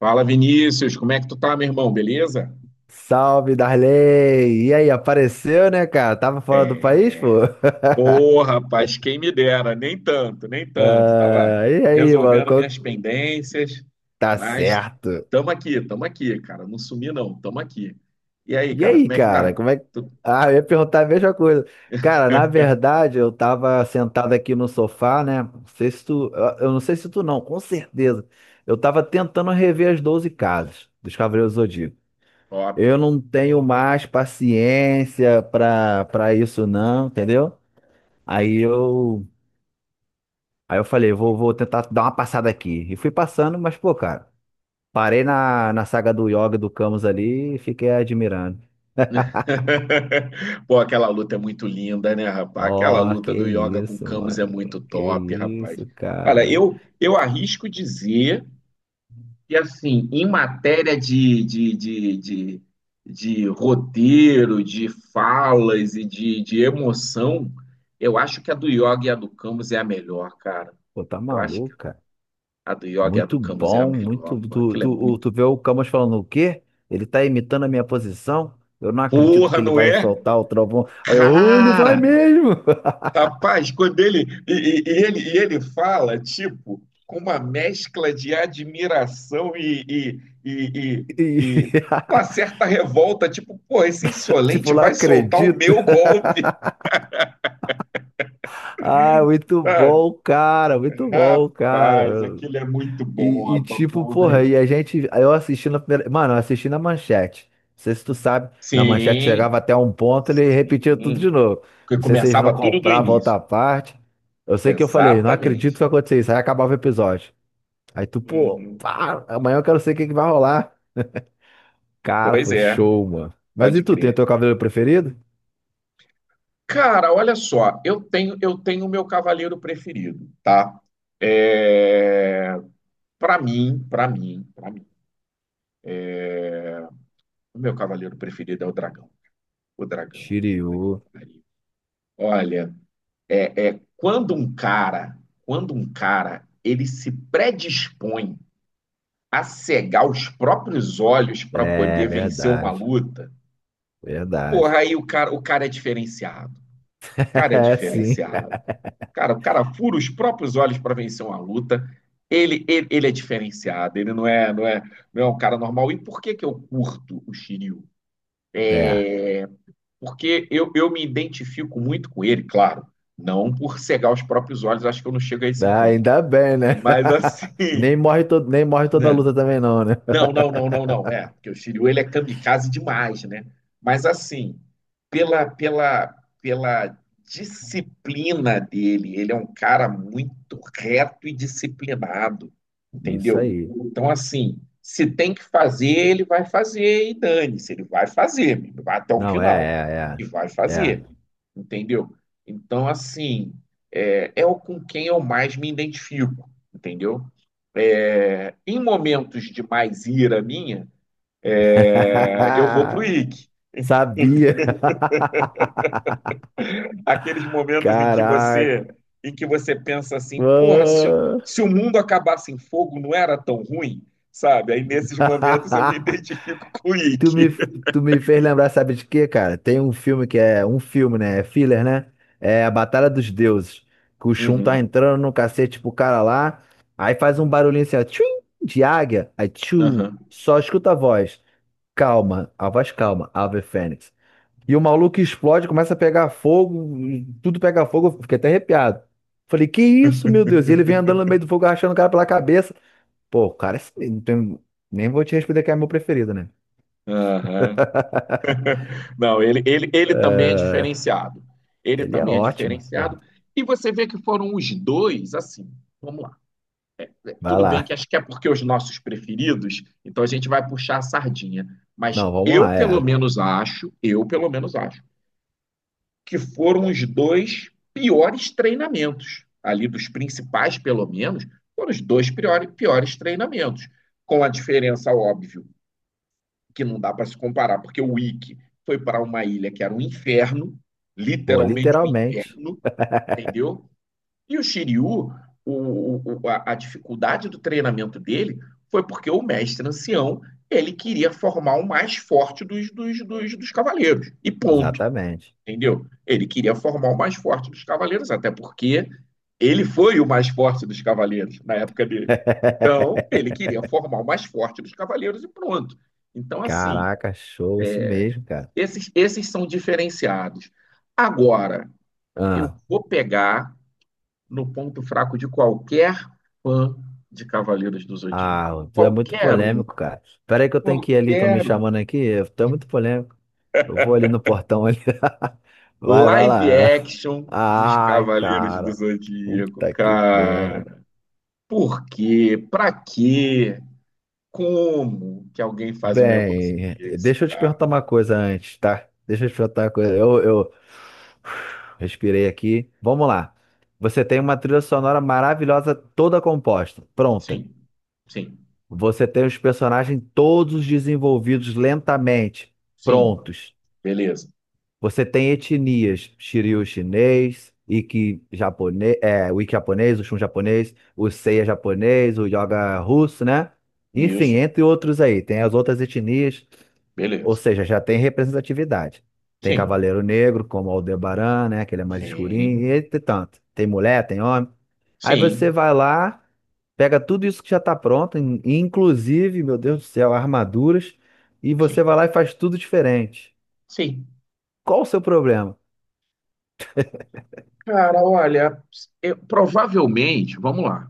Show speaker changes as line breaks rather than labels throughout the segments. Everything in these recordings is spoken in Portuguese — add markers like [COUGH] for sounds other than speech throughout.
Fala, Vinícius, como é que tu tá, meu irmão? Beleza?
Salve, Darley! E aí, apareceu, né, cara? Tava fora do
É.
país, pô?
Ô,
[LAUGHS]
rapaz, quem me dera, nem tanto. Tava
Ah, e aí, mano?
resolvendo minhas pendências,
Tá
mas
certo.
tamo aqui, cara. Não sumi, não, tamo aqui. E aí,
E
cara,
aí,
como é que
cara?
tá?
Como é que.
Tu-
Ah, eu ia perguntar a mesma coisa. Cara, na verdade, eu tava sentado aqui no sofá, né? Não sei se tu. Eu não sei se tu não, com certeza. Eu tava tentando rever as 12 casas dos Cavaleiros do Zodíaco.
Top.
Eu não tenho mais paciência pra isso, não, entendeu? Aí eu. Aí eu falei, vou tentar dar uma passada aqui. E fui passando, mas, pô, cara, parei na saga do Yoga do Camus ali e fiquei admirando.
[LAUGHS] Pô, aquela luta é muito linda, né, rapaz? Aquela
Ó, que
luta do Yoga com o
isso,
Camus é
mano.
muito
Que
top, rapaz.
isso,
Olha,
cara.
eu arrisco dizer. E assim, em matéria de roteiro, de falas e de emoção, eu acho que a do Yoga e a do Camus é a melhor, cara.
Pô, tá
Eu acho que
maluco, cara.
a do Yoga e a do
Muito
Camus é a
bom,
melhor,
muito.
porra.
Tu,
Aquilo é
tu, o-
muito.
tu vê o Camus falando o quê? Ele tá imitando a minha posição? Eu não acredito que
Porra,
ele
não
vai
é?
soltar o trovão. Aí eu, "Oh, ele vai
Cara!
mesmo! [LAUGHS]
Rapaz, quando ele e ele fala tipo com uma mescla de admiração e, e, e,
E,
e, e
[LAUGHS]
uma certa revolta, tipo, pô, esse insolente
tipo, não
vai soltar o
acredito.
meu golpe,
Ah, muito
sabe?
bom, cara, muito bom,
Rapaz,
cara.
aquilo é muito bom,
E,
rapaz.
tipo,
Porra.
porra, e a gente. Aí eu assisti na primeira. Mano, eu assisti na manchete. Não sei se tu sabe, na manchete
Sim,
chegava até um ponto, ele repetia tudo de
sim.
novo.
Porque
Não sei se eles não
começava tudo do
compravam
início.
outra parte. Eu sei que eu falei, não acredito que
Exatamente.
vai acontecer isso. Aí acabava o episódio. Aí tu, pô,
Uhum.
pá, amanhã eu quero saber o que que vai rolar. Cara,
Pois
foi
é,
show, mano. Mas e
pode
tu, tem o
crer.
teu cabelo preferido?
Cara, olha só, eu tenho o meu cavaleiro preferido, tá? É... para mim, o meu cavaleiro preferido é o dragão. O dragão, puta que
Shiryu.
pariu. Olha, é, é quando um cara, ele se predispõe a cegar os próprios olhos para
É,
poder vencer uma
verdade.
luta, porra,
Verdade.
aí o cara é diferenciado. O
[LAUGHS]
cara é
É, sim.
diferenciado. Cara, o cara fura os próprios olhos para vencer uma luta. Ele é diferenciado, ele não é um cara normal. E por que que eu curto o Shiryu?
É.
Porque eu me identifico muito com ele, claro. Não por cegar os próprios olhos, acho que eu não chego a esse
Ah,
ponto.
ainda bem, né?
Mas assim,
[LAUGHS] Nem morre, todo, nem morre
[LAUGHS]
toda a
né?
luta também, não, né?
Não. É, porque o Shiryu ele é kamikaze demais, né? Mas assim, pela, pela, pela disciplina dele, ele é um cara muito reto e disciplinado,
[LAUGHS] Isso
entendeu?
aí.
Então, assim, se tem que fazer, ele vai fazer e dane-se, ele vai fazer, vai até o
Não,
final
é,
e vai
é, é.
fazer,
É.
entendeu? Então, assim, é, é o com quem eu mais me identifico, entendeu? É, em momentos de mais ira minha, é, eu vou pro Ike.
[LAUGHS] Sabia.
Aqueles momentos
Caraca.
em que você pensa assim, porra, se,
Mano.
se o mundo acabasse em fogo, não era tão ruim, sabe? Aí nesses momentos eu me [LAUGHS]
[LAUGHS]
identifico com o
Tu me,
Ike.
tu me fez lembrar, sabe de quê, cara? Tem um filme que é um filme, né? É filler, né? É a Batalha dos Deuses. Que o Shun tá
Uhum,
entrando no cacete pro cara lá. Aí faz um barulhinho assim, ó, tchum, de águia. Aí tchum,
uhum,
só escuta a voz. Calma, a voz calma, Ave Fênix. E o maluco explode, começa a pegar fogo, e tudo pega fogo, eu fiquei até arrepiado. Falei, que isso, meu Deus? E ele vem andando no meio do fogo, arrastando o cara pela cabeça. Pô, o cara, é assim, nem vou te responder que é meu preferido, né?
uhum. Não, ele também é diferenciado. Ele
Ele é
também é
ótimo, pô.
diferenciado. E você vê que foram os dois, assim, vamos lá.
Vai
Tudo bem que
lá.
acho que é porque os nossos preferidos, então a gente vai puxar a sardinha. Mas
Não, vamos
eu,
lá,
pelo
é.
menos, acho, eu, pelo menos, acho, que foram os dois piores treinamentos. Ali dos principais, pelo menos, foram os dois piores treinamentos. Com a diferença, óbvio, que não dá para se comparar, porque o Wiki foi para uma ilha que era um inferno,
Pô,
literalmente um
literalmente.
inferno, entendeu? E o Shiryu, a dificuldade do treinamento dele foi porque o mestre ancião, ele queria formar o mais forte dos cavaleiros, e ponto,
Exatamente.
entendeu? Ele queria formar o mais forte dos cavaleiros, até porque ele foi o mais forte dos cavaleiros na época dele. Então, ele
[LAUGHS]
queria formar o mais forte dos cavaleiros e pronto. Então, assim,
Caraca, show, isso mesmo, cara.
esses são diferenciados. Agora, eu
ah
vou pegar no ponto fraco de qualquer fã de Cavaleiros do Zodíaco.
Ah, tu é muito
Qualquer um,
polêmico, cara. Pera aí que eu tenho que ir ali, estão me
qualquer um.
chamando aqui. Tu é muito polêmico. Eu vou ali no portão ali. [LAUGHS] Vai, vai
Live
lá.
action dos
Ai,
Cavaleiros do
cara.
Zodíaco,
Puta que merda.
cara. Por quê? Pra quê? Como que alguém faz um negócio
Bem,
desse,
deixa eu te perguntar
cara?
uma coisa antes, tá? Deixa eu te perguntar uma coisa. Eu respirei aqui. Vamos lá. Você tem uma trilha sonora maravilhosa, toda composta, pronta.
Sim, sim,
Você tem os personagens todos desenvolvidos lentamente,
sim.
prontos.
Beleza.
Você tem etnias, Shiryu chinês, Iki japonês, é, o Iki japonês, o Shun japonês, o Seiya japonês, o Yoga russo, né? Enfim,
Isso,
entre outros aí, tem as outras etnias, ou
beleza.
seja, já tem representatividade. Tem
Sim,
Cavaleiro Negro, como Aldebaran, né? Que ele é mais escurinho,
sim,
e entre tanto. Tem mulher, tem homem. Aí você
sim,
vai lá, pega tudo isso que já tá pronto, inclusive, meu Deus do céu, armaduras, e você
sim,
vai lá e faz tudo diferente.
sim.
Qual o seu problema?
Cara, olha, provavelmente, vamos lá.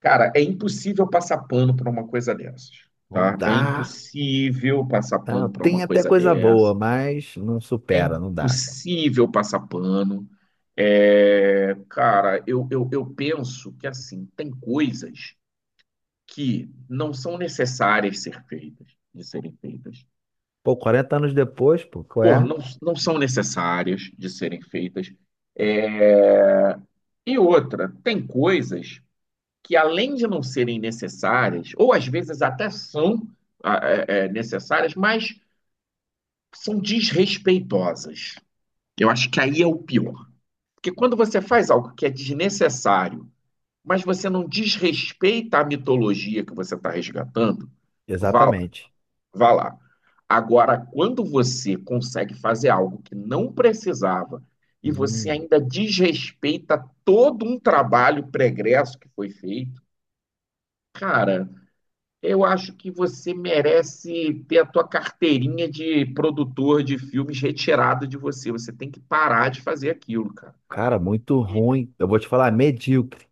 Cara, é impossível passar pano para uma coisa dessas,
Não
tá? É
dá.
impossível passar
Tá,
pano para uma
tem até
coisa
coisa boa,
dessas.
mas não
É
supera, não dá.
impossível passar pano. É, cara, eu penso que, assim, tem coisas que não são necessárias ser feitas, de serem feitas.
Pô, 40 anos depois, pô, qual
Por,
é?
não, não são necessárias de serem feitas. É. E outra, tem coisas que, além de não serem necessárias, ou às vezes até são ah, é, é, necessárias, mas são desrespeitosas. Eu acho que aí é o pior. Porque quando você faz algo que é desnecessário, mas você não desrespeita a mitologia que você está resgatando, vá lá,
Exatamente.
vá lá. Agora, quando você consegue fazer algo que não precisava e você
Hum,
ainda desrespeita todo um trabalho pregresso que foi feito, cara, eu acho que você merece ter a tua carteirinha de produtor de filmes retirada de você. Você tem que parar de fazer aquilo, cara.
cara, muito ruim. Eu vou te falar, medíocre.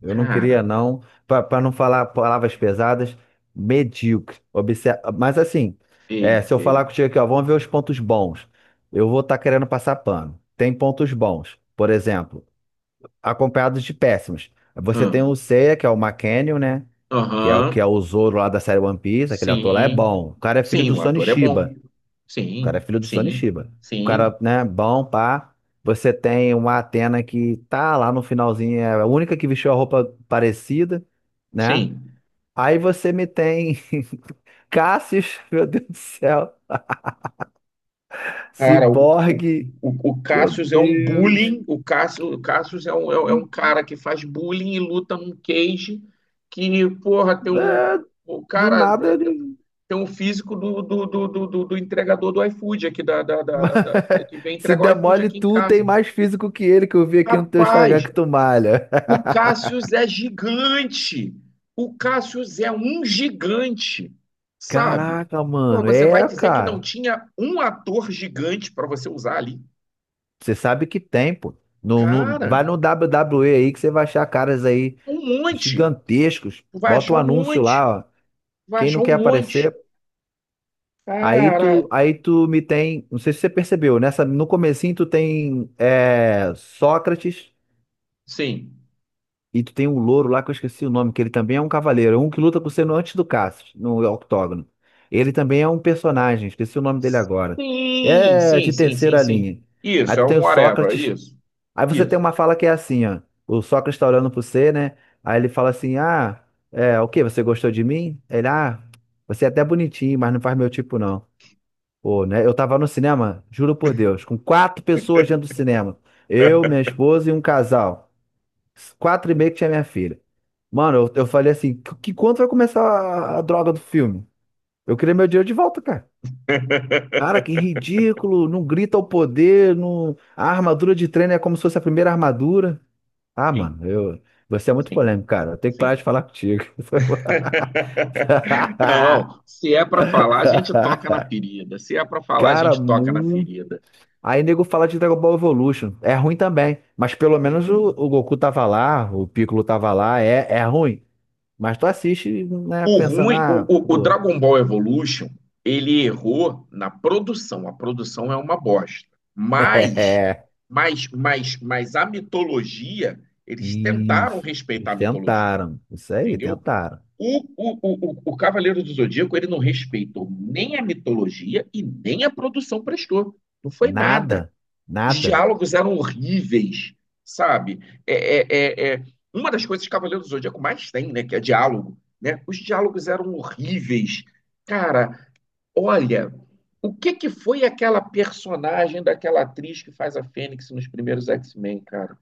Eu não
Cara,
queria, não. Para não falar palavras pesadas, medíocre. Mas assim, é,
feio,
se eu falar
feio.
contigo aqui, ó, vamos ver os pontos bons. Eu vou estar querendo passar pano. Tem pontos bons, por exemplo, acompanhados de péssimos. Você tem
Ah,
o Seiya, que é o McCann, né? que é, o-
aham,
que é o Zoro lá da série One Piece, aquele ator lá é
sim.
bom. O cara é filho
Sim,
do
o
Sonny
ator é bom.
Chiba. O
Sim,
cara é filho do Sonny
sim,
Chiba. O
sim,
cara, né, bom, pá. Você tem uma Atena que tá lá no finalzinho, é a única que vestiu a roupa parecida, né?
sim.
Aí você me tem [LAUGHS] Cassius, meu Deus do céu,
Cara, o, o,
Ciborgue,
o o
meu
Cassius é um
Deus.
bullying. O Cassius é um, é, é um cara que faz bullying e luta num cage que, porra, tem um.
É,
O
do
cara.
nada ele
Tem um físico do entregador do iFood aqui, da, da, da-
[LAUGHS]
da- que vem
se
entregar o iFood
demole
aqui em
tu, tem
casa.
mais físico que ele que eu vi aqui no teu Instagram
Rapaz,
que tu malha.
o Cassius é gigante. O Cassius é um gigante, sabe?
Caraca,
Porra,
mano.
você vai
É,
dizer que não
cara.
tinha um ator gigante para você usar ali?
Você sabe que tem, pô.
Cara,
Vai no WWE aí que você vai achar caras aí
um monte.
gigantescos.
Tu vai
Bota
achar
o
um
anúncio
monte. Tu
lá, ó.
vai
Quem
achar
não
um
quer
monte.
aparecer. Aí
Cara,
tu, aí tu me tem. Não sei se você percebeu, nessa, no comecinho tu tem é, Sócrates
sim.
e tu tem um louro lá que eu esqueci o nome, que ele também é um cavaleiro. Um que luta com você no antes do Cassius, no octógono. Ele também é um personagem, esqueci o nome dele agora.
Sim,
É
sim,
de
sim, sim,
terceira
sim.
linha. Aí
Isso, é
tu tem
um
o
whatever,
Sócrates.
isso.
Aí você tem
Isso.
uma fala que é assim, ó. O Sócrates está olhando pro você, né? Aí ele fala assim: ah, é, o quê? Você gostou de mim? Ele, ah, você é até bonitinho, mas não faz meu tipo, não. Pô, né? Eu tava no cinema, juro por Deus, com quatro pessoas dentro do cinema. Eu, minha esposa e um casal. Quatro e meio que tinha minha filha. Mano, eu falei assim: que quanto vai começar a droga do filme? Eu queria meu dinheiro de volta, cara. Cara, que
[LAUGHS]
ridículo. Não grita ao poder, não... a armadura de treino é como se fosse a primeira armadura. Ah,
Sim,
mano, eu... você é muito
sim,
polêmico, cara. Eu tenho que parar de
sim.
falar contigo. [LAUGHS]
[LAUGHS] Não, se é para falar, a gente toca na ferida. Se é para falar, a
Cara,
gente toca na
muito.
ferida.
Aí nego fala de Dragon Ball Evolution. É ruim também. Mas
É
pelo
bem
menos o,
ruim.
o Goku tava lá, o Piccolo tava lá. É, é ruim. Mas tu assiste, né,
O
pensando,
ruim,
ah,
o
pô.
Dragon Ball Evolution, ele errou na produção. A produção é uma bosta. Mas,
[LAUGHS] É,
mas a mitologia, eles tentaram
isso.
respeitar
Eles
a mitologia,
tentaram. Isso aí,
entendeu?
tentaram.
O Cavaleiro do Zodíaco, ele não respeitou nem a mitologia e nem a produção prestou. Não foi nada.
Nada.
Os
Nada.
diálogos eram horríveis, sabe? É, é, é, é- Uma das coisas que Cavaleiro do Zodíaco mais tem, né, que é diálogo, né? Os diálogos eram horríveis. Cara, olha, o que que foi aquela personagem daquela atriz que faz a Fênix nos primeiros X-Men, cara?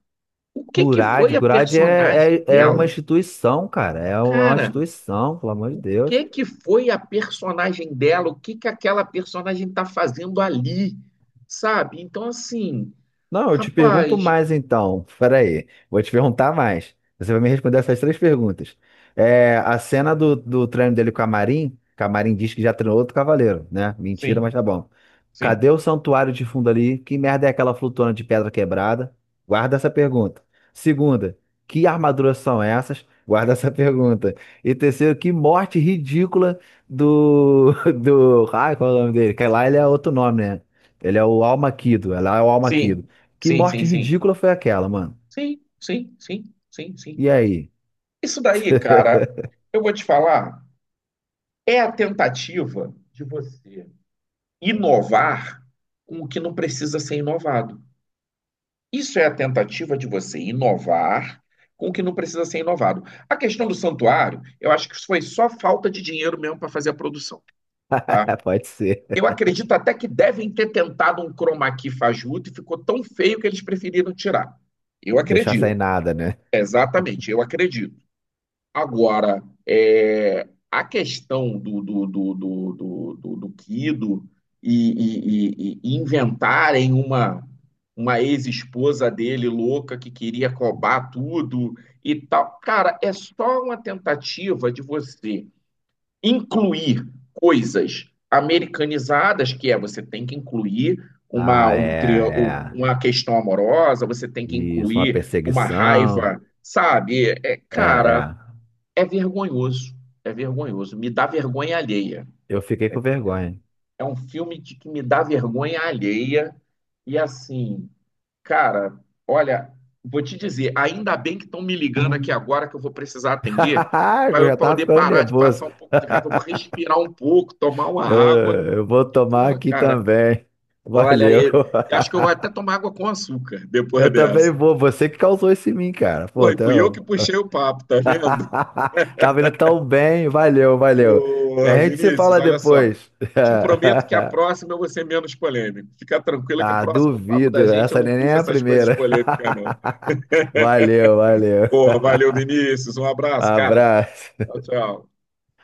O que que
Gurad,
foi a
Gurad
personagem
é, uma
dela?
instituição, cara. É é uma
Cara,
instituição, pelo amor de
o
Deus.
que que foi a personagem dela, o que que aquela personagem está fazendo ali, sabe? Então, assim,
Não, eu te pergunto
rapaz,
mais então. Peraí, vou te perguntar mais. Você vai me responder essas três perguntas. É, a cena do treino dele com a Marin, que a Marin diz que já treinou outro cavaleiro, né? Mentira,
sim,
mas tá bom.
sim,
Cadê o santuário de fundo ali? Que merda é aquela flutuante de pedra quebrada? Guarda essa pergunta. Segunda, que armaduras são essas? Guarda essa pergunta. E terceiro, que morte ridícula do. [LAUGHS] do. Ai, qual é o nome dele? Que lá ele é outro nome, né? Ele é o Almaquido. Lá é o
sim,
Almaquido. Que
sim, sim,
morte
sim,
ridícula foi aquela, mano?
sim, sim, sim, sim, sim.
E aí?
Isso daí, cara, eu vou te falar, é a tentativa de você inovar com o que não precisa ser inovado. Isso é a tentativa de você inovar com o que não precisa ser inovado. A questão do santuário, eu acho que foi só falta de dinheiro mesmo para fazer a produção, tá?
[LAUGHS] Pode ser.
Eu acredito até que devem ter tentado um chroma key fajuto e ficou tão feio que eles preferiram tirar. Eu
Deixar
acredito,
sem nada, né?
exatamente, eu acredito. Agora, é, a questão do Kido e, e inventarem uma ex-esposa dele louca que queria cobrar tudo e tal. Cara, é só uma tentativa de você incluir coisas americanizadas, que é você tem que incluir uma,
Ah,
um,
é, é.
uma questão amorosa, você tem que
Isso, uma
incluir uma
perseguição.
raiva, sabe? É,
É,
cara,
é.
é vergonhoso, é vergonhoso, me dá vergonha alheia.
Eu fiquei com vergonha.
É um filme de que me dá vergonha alheia e assim, cara, olha, vou te dizer, ainda bem que estão me ligando aqui agora que eu vou precisar atender,
[LAUGHS]
para
Eu
eu
já tava
poder
ficando
parar de
nervoso.
passar um pouco de raiva, eu vou
[LAUGHS]
respirar um pouco, tomar uma
Eu,
água.
eu vou
E,
tomar
pô,
aqui
cara,
também.
olha,
Valeu.
eu acho que eu vou até tomar água com açúcar
[LAUGHS]
depois
Eu também
dessa.
vou. Você que causou esse mim, cara.
Pô,
Pô,
e
tá...
fui eu que puxei o papo, tá vendo?
[LAUGHS] tá vindo tão bem. Valeu, valeu.
Ô,
A gente se
Vinícius,
fala
olha só.
depois. [LAUGHS]
Te prometo que a próxima eu vou ser menos polêmico. Fica tranquilo que o
Ah,
próximo papo da
duvido.
gente eu
Essa
não
nem
puxo
é a
essas coisas
primeira.
polêmicas,
[LAUGHS]
não.
Valeu, valeu.
Pô, valeu, Vinícius. Um abraço, cara.
Abraço.
Tchau, tchau.